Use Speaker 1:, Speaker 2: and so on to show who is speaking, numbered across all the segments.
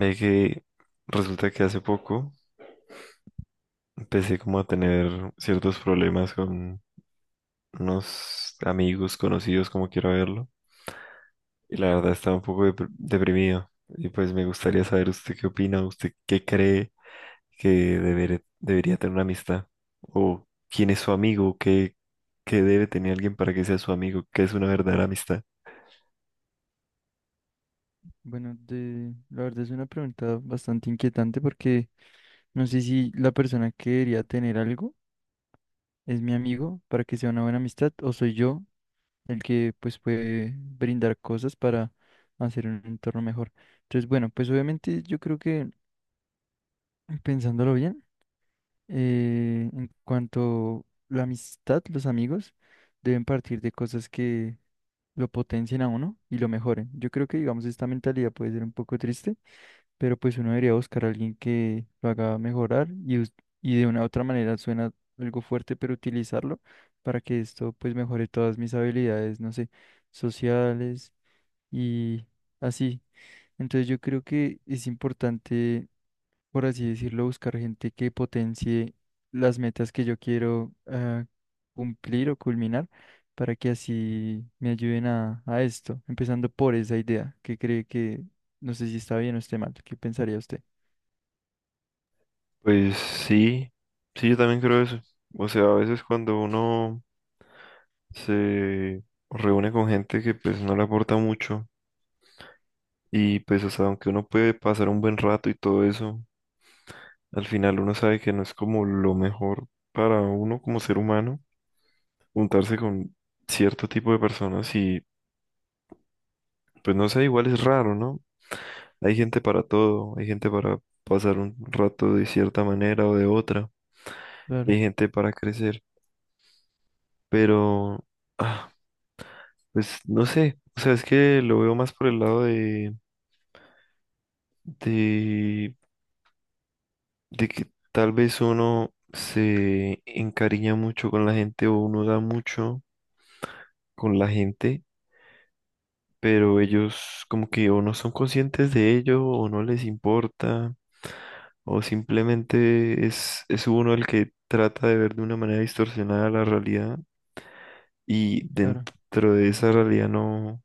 Speaker 1: Ve que resulta que hace poco empecé como a tener ciertos problemas con unos amigos conocidos, como quiera verlo, y la verdad estaba un poco deprimido. Y pues me gustaría saber usted qué opina, usted qué cree que debería tener una amistad, o quién es su amigo, qué, qué debe tener alguien para que sea su amigo, qué es una verdadera amistad.
Speaker 2: Bueno, la verdad es una pregunta bastante inquietante porque no sé si la persona que debería tener algo es mi amigo para que sea una buena amistad o soy yo el que pues puede brindar cosas para hacer un entorno mejor. Entonces, bueno, pues obviamente yo creo que pensándolo bien, en cuanto la amistad, los amigos deben partir de cosas que lo potencien a uno y lo mejoren. Yo creo que digamos esta mentalidad puede ser un poco triste pero pues uno debería buscar a alguien que lo haga mejorar y y de una u otra manera suena algo fuerte, pero utilizarlo para que esto pues mejore todas mis habilidades, no sé, sociales y así. Entonces yo creo que es importante, por así decirlo, buscar gente que potencie las metas que yo quiero cumplir o culminar para que así me ayuden a esto, empezando por esa idea que cree que, no sé si está bien o esté mal, ¿qué pensaría usted?
Speaker 1: Pues sí, sí, yo también creo eso. O sea, a veces cuando uno se reúne con gente que pues no le aporta mucho y pues o sea, aunque uno puede pasar un buen rato y todo eso, al final uno sabe que no es como lo mejor para uno como ser humano juntarse con cierto tipo de personas y pues no sé, igual es raro, ¿no? Hay gente para todo, hay gente para pasar un rato de cierta manera o de otra,
Speaker 2: Claro,
Speaker 1: hay gente para crecer, pero ah, pues no sé, o sea, es que lo veo más por el lado de, de de que tal vez uno se encariña mucho con la gente o uno da mucho con la gente, pero ellos como que o no son conscientes de ello o no les importa o simplemente es uno el que trata de ver de una manera distorsionada la realidad y
Speaker 2: claro.
Speaker 1: dentro de esa realidad no,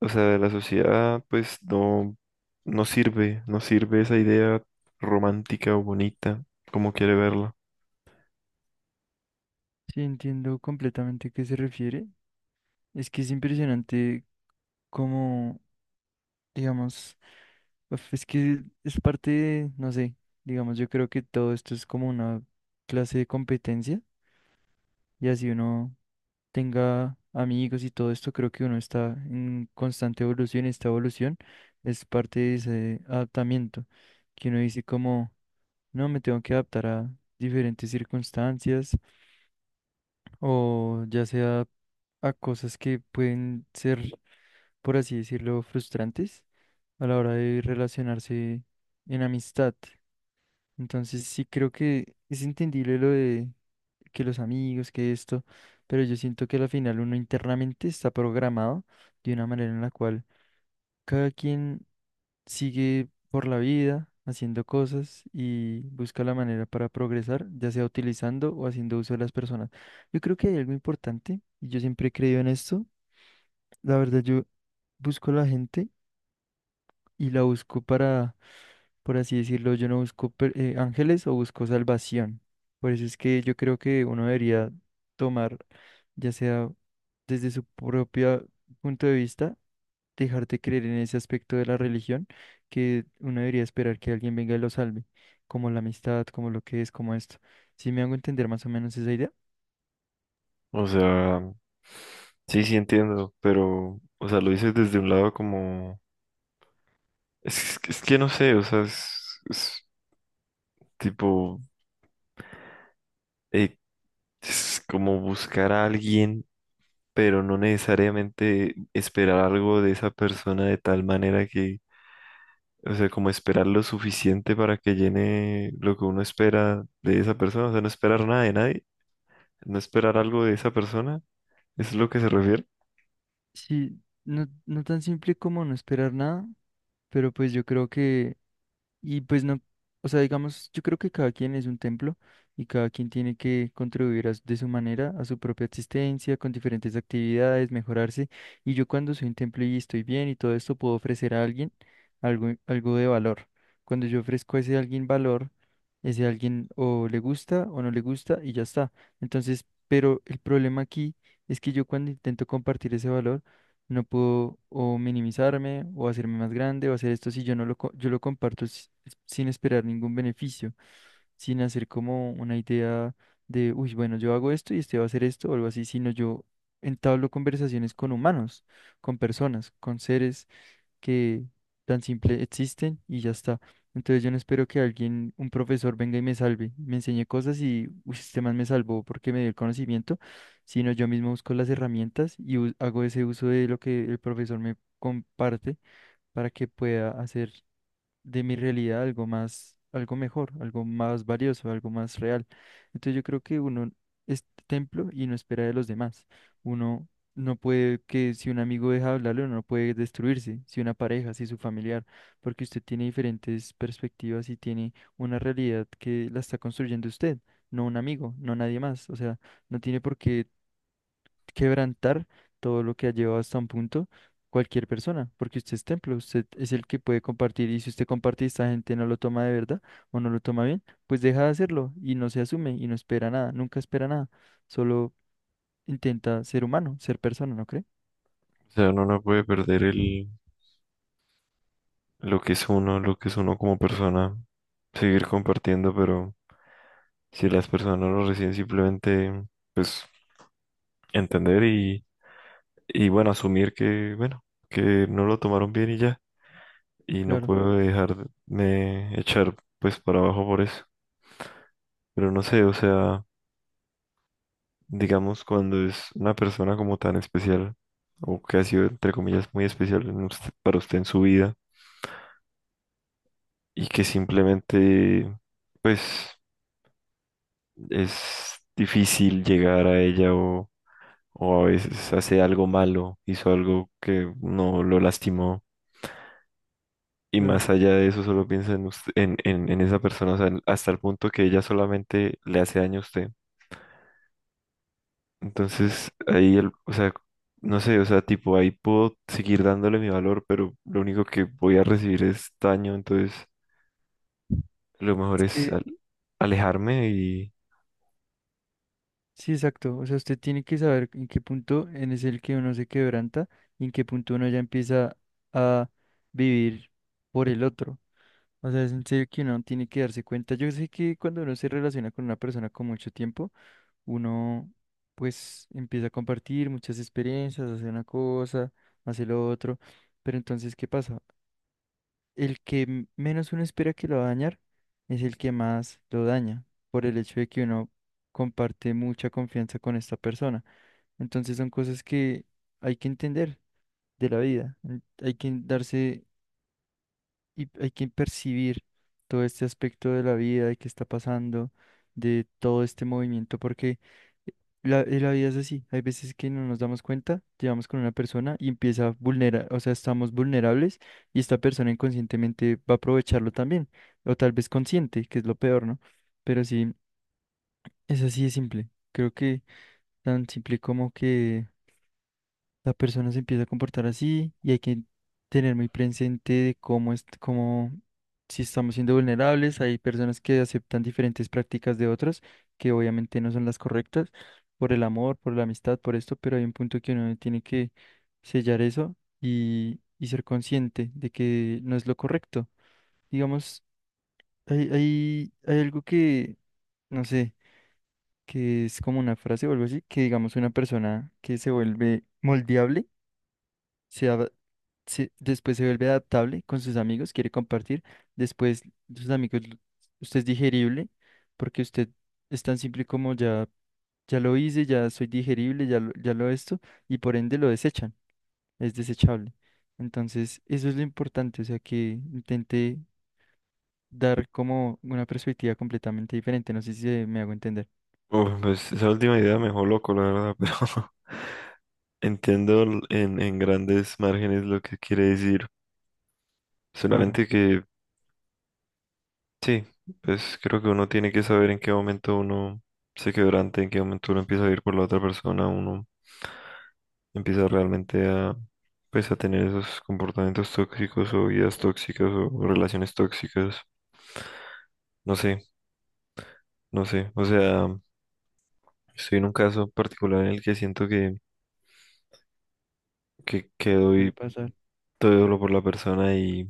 Speaker 1: o sea, de la sociedad pues no, no sirve, no sirve esa idea romántica o bonita como quiere verla.
Speaker 2: Sí, entiendo completamente a qué se refiere. Es que es impresionante cómo, digamos, uf, es que es parte de, no sé, digamos, yo creo que todo esto es como una clase de competencia y así uno tenga amigos y todo esto, creo que uno está en constante evolución y esta evolución es parte de ese adaptamiento que uno dice como, no, me tengo que adaptar a diferentes circunstancias o ya sea a cosas que pueden ser, por así decirlo, frustrantes a la hora de relacionarse en amistad. Entonces sí creo que es entendible lo de que los amigos, que esto, pero yo siento que al final uno internamente está programado de una manera en la cual cada quien sigue por la vida haciendo cosas y busca la manera para progresar, ya sea utilizando o haciendo uso de las personas. Yo creo que hay algo importante y yo siempre he creído en esto. La verdad, yo busco la gente y la busco para, por así decirlo, yo no busco ángeles o busco salvación. Por eso es que yo creo que uno debería tomar, ya sea desde su propio punto de vista, dejarte creer en ese aspecto de la religión que uno debería esperar que alguien venga y lo salve, como la amistad, como lo que es, como esto. ¿Si me hago entender más o menos esa idea?
Speaker 1: O sea, sí, sí entiendo, pero, o sea, lo dices desde un lado como, es que no sé, o sea, es tipo, eh, es como buscar a alguien, pero no necesariamente esperar algo de esa persona de tal manera que, o sea, como esperar lo suficiente para que llene lo que uno espera de esa persona, o sea, no esperar nada de nadie, no esperar algo de esa persona, ¿eso es lo que se refiere?
Speaker 2: Sí, no, no tan simple como no esperar nada, pero pues yo creo que, y pues no, o sea, digamos, yo creo que cada quien es un templo y cada quien tiene que contribuir de su manera a su propia existencia, con diferentes actividades, mejorarse. Y yo cuando soy un templo y estoy bien y todo esto, puedo ofrecer a alguien algo, algo de valor. Cuando yo ofrezco a ese alguien valor, ese alguien o le gusta o no le gusta y ya está. Entonces, pero el problema aquí es que yo cuando intento compartir ese valor, no puedo o minimizarme o hacerme más grande o hacer esto si yo no yo lo comparto sin esperar ningún beneficio, sin hacer como una idea de, uy, bueno, yo hago esto y este va a hacer esto o algo así, sino yo entablo conversaciones con humanos, con personas, con seres que tan simple existen y ya está. Entonces yo no espero que alguien, un profesor venga y me salve, me enseñe cosas y uy, este man me salvó porque me dio el conocimiento, sino yo mismo busco las herramientas y hago ese uso de lo que el profesor me comparte para que pueda hacer de mi realidad algo más, algo mejor, algo más valioso, algo más real. Entonces yo creo que uno es templo y no espera de los demás. Uno no puede que si un amigo deja de hablarle, uno no puede destruirse, si una pareja, si su familiar, porque usted tiene diferentes perspectivas y tiene una realidad que la está construyendo usted, no un amigo, no nadie más. O sea, no tiene por qué quebrantar todo lo que ha llevado hasta un punto cualquier persona, porque usted es templo, usted es el que puede compartir y si usted comparte y esta gente no lo toma de verdad o no lo toma bien, pues deja de hacerlo y no se asume y no espera nada, nunca espera nada, solo intenta ser humano, ser persona, ¿no cree?
Speaker 1: O sea, uno no puede perder el lo que es uno, lo que es uno como persona, seguir compartiendo, pero si las personas lo reciben simplemente pues, entender y bueno, asumir que, bueno, que no lo tomaron bien y ya, y no
Speaker 2: Claro,
Speaker 1: puedo dejarme echar pues para abajo por eso. Pero no sé, o sea, digamos cuando es una persona como tan especial, o que ha sido entre comillas muy especial en para usted en su vida, y que simplemente pues es difícil llegar a ella o a veces hace algo malo, hizo algo que no lo lastimó. Y
Speaker 2: claro.
Speaker 1: más allá de eso, solo piensa en, en esa persona, o sea, hasta el punto que ella solamente le hace daño a usted. Entonces, ahí, el, o sea, no sé, o sea, tipo, ahí puedo seguir dándole mi valor, pero lo único que voy a recibir es daño, entonces lo mejor
Speaker 2: Es
Speaker 1: es
Speaker 2: que
Speaker 1: alejarme y...
Speaker 2: sí, exacto, o sea, usted tiene que saber en qué punto en es el que uno se quebranta y en qué punto uno ya empieza a vivir por el otro. O sea, es en serio que uno tiene que darse cuenta. Yo sé que cuando uno se relaciona con una persona con mucho tiempo, uno pues empieza a compartir muchas experiencias, hace una cosa, hace lo otro. Pero entonces, ¿qué pasa? El que menos uno espera que lo va a dañar es el que más lo daña, por el hecho de que uno comparte mucha confianza con esta persona. Entonces son cosas que hay que entender de la vida. Hay que darse y hay que percibir todo este aspecto de la vida, de qué está pasando, de todo este movimiento, porque la la vida es así. Hay veces que no nos damos cuenta, llevamos con una persona y empieza a vulnerar, o sea, estamos vulnerables y esta persona inconscientemente va a aprovecharlo también, o tal vez consciente, que es lo peor, ¿no? Pero sí, es así de simple. Creo que tan simple como que la persona se empieza a comportar así y hay que tener muy presente de cómo es, cómo, si estamos siendo vulnerables, hay personas que aceptan diferentes prácticas de otros que obviamente no son las correctas por el amor, por la amistad, por esto, pero hay un punto que uno tiene que sellar eso y ser consciente de que no es lo correcto. Digamos, hay algo que, no sé, que es como una frase o algo así, que digamos una persona que se vuelve moldeable se ad- después se vuelve adaptable con sus amigos, quiere compartir, después sus amigos, usted es digerible, porque usted es tan simple como ya, ya lo hice, ya soy digerible, ya lo esto, y por ende lo desechan, es desechable. Entonces, eso es lo importante, o sea, que intente dar como una perspectiva completamente diferente, no sé si me hago entender.
Speaker 1: Uf, pues esa última idea me dejó loco, la verdad, pero... Entiendo en grandes márgenes lo que quiere decir,
Speaker 2: Claro,
Speaker 1: solamente que sí, pues creo que uno tiene que saber en qué momento uno se quebrante, en qué momento uno empieza a ir por la otra persona, uno empieza realmente a, pues a tener esos comportamientos tóxicos o vidas tóxicas o relaciones tóxicas, no sé, no sé, o sea, estoy en un caso particular en el que siento que, que
Speaker 2: sí, puede
Speaker 1: doy
Speaker 2: pasar.
Speaker 1: todo lo por la persona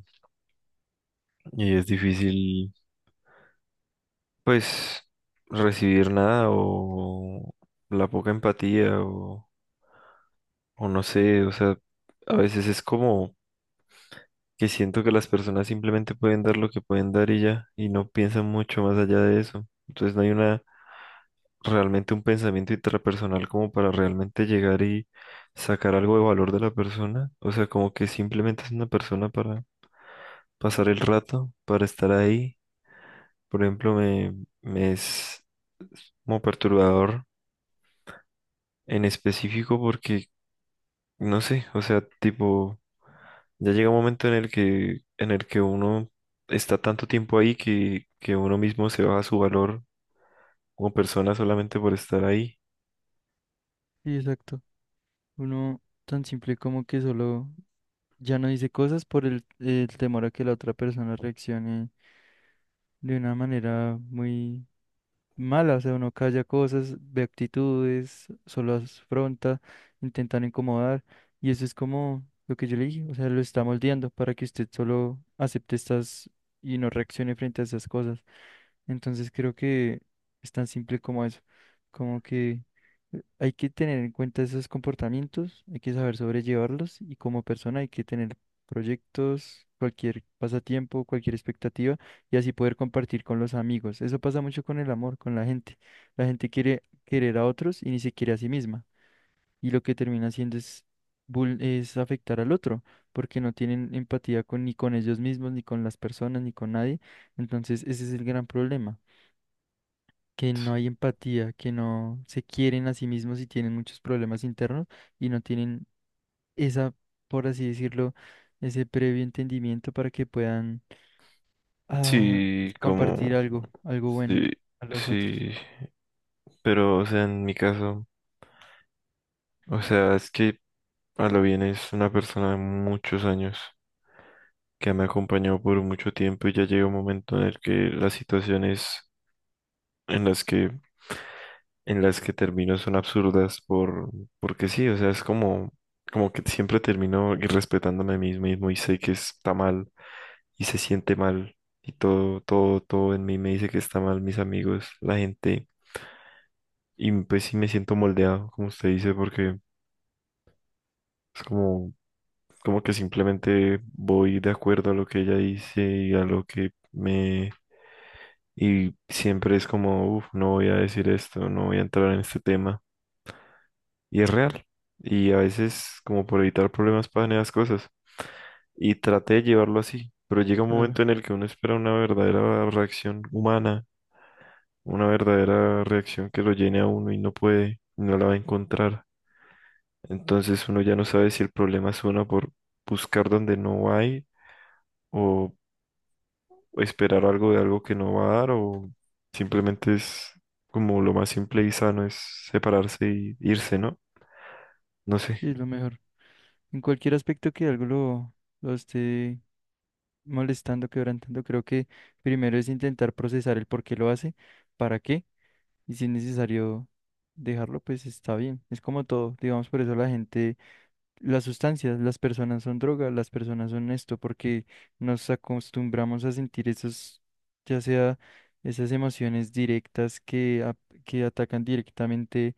Speaker 1: y es difícil pues recibir nada o la poca empatía o no sé, o sea, a veces es como que siento que las personas simplemente pueden dar lo que pueden dar y ya, y no piensan mucho más allá de eso. Entonces no hay una realmente un pensamiento intrapersonal como para realmente llegar y sacar algo de valor de la persona. O sea, como que simplemente es una persona para pasar el rato, para estar ahí. Por ejemplo, me es como perturbador en específico porque, no sé, o sea, tipo, ya llega un momento en el que uno está tanto tiempo ahí que uno mismo se baja su valor como persona solamente por estar ahí.
Speaker 2: Sí, exacto. Uno tan simple como que solo, ya no dice cosas por el temor a que la otra persona reaccione de una manera muy mala, o sea, uno calla cosas, ve actitudes, solo las afronta, intentan incomodar, y eso es como lo que yo le dije, o sea, lo está moldeando para que usted solo acepte estas y no reaccione frente a esas cosas. Entonces creo que es tan simple como eso, como que hay que tener en cuenta esos comportamientos, hay que saber sobrellevarlos y como persona hay que tener proyectos, cualquier pasatiempo, cualquier expectativa y así poder compartir con los amigos. Eso pasa mucho con el amor, con la gente. La gente quiere querer a otros y ni se quiere a sí misma. Y lo que termina haciendo es, es afectar al otro, porque no tienen empatía con, ni con ellos mismos, ni con las personas, ni con nadie. Entonces, ese es el gran problema, que no hay empatía, que no se quieren a sí mismos y tienen muchos problemas internos y no tienen esa, por así decirlo, ese previo entendimiento para que puedan a
Speaker 1: Sí, como,
Speaker 2: compartir algo, algo bueno
Speaker 1: sí,
Speaker 2: a los otros.
Speaker 1: sí, pero, o sea, en mi caso, o sea, es que a lo bien es una persona de muchos años que me acompañó por mucho tiempo y ya llega un momento en el que las situaciones en las que en las que termino son absurdas por, porque sí, o sea, es como, como que siempre termino irrespetándome a mí mismo y sé que está mal y se siente mal y todo, todo, todo en mí me dice que está mal, mis amigos, la gente, y pues sí me siento moldeado, como usted dice, porque es como, como que simplemente voy de acuerdo a lo que ella dice y a lo que me... Y siempre es como, uff, no voy a decir esto, no voy a entrar en este tema. Y es real. Y a veces, como por evitar problemas, pasan esas cosas. Y traté de llevarlo así, pero llega un
Speaker 2: Claro,
Speaker 1: momento en el que uno espera una verdadera reacción humana, una verdadera reacción que lo llene a uno y no puede, no la va a encontrar. Entonces uno ya no sabe si el problema es uno por buscar donde no hay o esperar algo de algo que no va a dar o simplemente es como lo más simple y sano es separarse y irse, ¿no? No sé.
Speaker 2: sí, es lo mejor. En cualquier aspecto que algo lo esté molestando, quebrantando, creo que primero es intentar procesar el por qué lo hace, para qué, y si es necesario dejarlo, pues está bien. Es como todo, digamos, por eso la gente, las sustancias, las personas son drogas, las personas son esto, porque nos acostumbramos a sentir esos, ya sea esas emociones directas que, que atacan directamente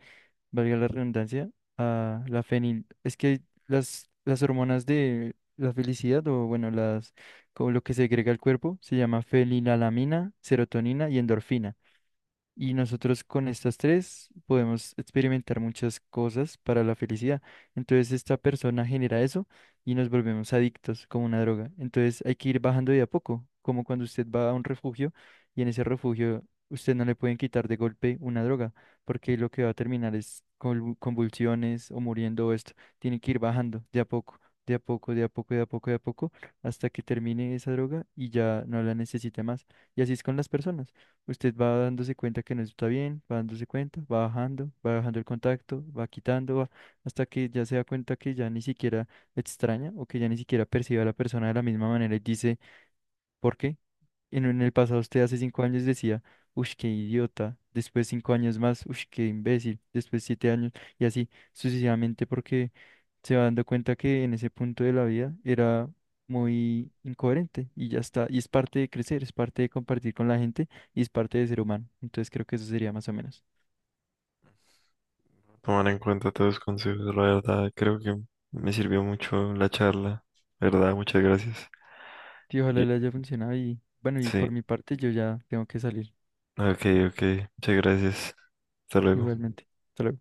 Speaker 2: valga la redundancia, a la fenil. Es que las hormonas de la felicidad, o bueno, las, como lo que segrega el cuerpo, se llama fenilalanina, serotonina y endorfina. Y nosotros con estas tres podemos experimentar muchas cosas para la felicidad. Entonces esta persona genera eso y nos volvemos adictos como una droga. Entonces hay que ir bajando de a poco, como cuando usted va a un refugio y en ese refugio usted no le pueden quitar de golpe una droga, porque lo que va a terminar es con convulsiones o muriendo o esto. Tiene que ir bajando de a poco, de a poco, de a poco, de a poco, de a poco, hasta que termine esa droga y ya no la necesite más. Y así es con las personas. Usted va dándose cuenta que no está bien, va dándose cuenta, va bajando el contacto, va quitando, hasta que ya se da cuenta que ya ni siquiera extraña o que ya ni siquiera percibe a la persona de la misma manera y dice, ¿por qué? En el pasado usted hace 5 años decía, uff, qué idiota, después 5 años más, uff, qué imbécil, después 7 años y así sucesivamente porque se va dando cuenta que en ese punto de la vida era muy incoherente y ya está. Y es parte de crecer, es parte de compartir con la gente y es parte de ser humano. Entonces creo que eso sería más o menos.
Speaker 1: Tomar en cuenta todos los consejos, la verdad, creo que me sirvió mucho la charla, ¿verdad? Muchas gracias.
Speaker 2: Y ojalá
Speaker 1: Ye-
Speaker 2: le haya funcionado y bueno, y
Speaker 1: Sí,
Speaker 2: por mi parte yo ya tengo que salir
Speaker 1: ok, ok, muchas gracias. Hasta luego.
Speaker 2: igualmente. Hasta luego.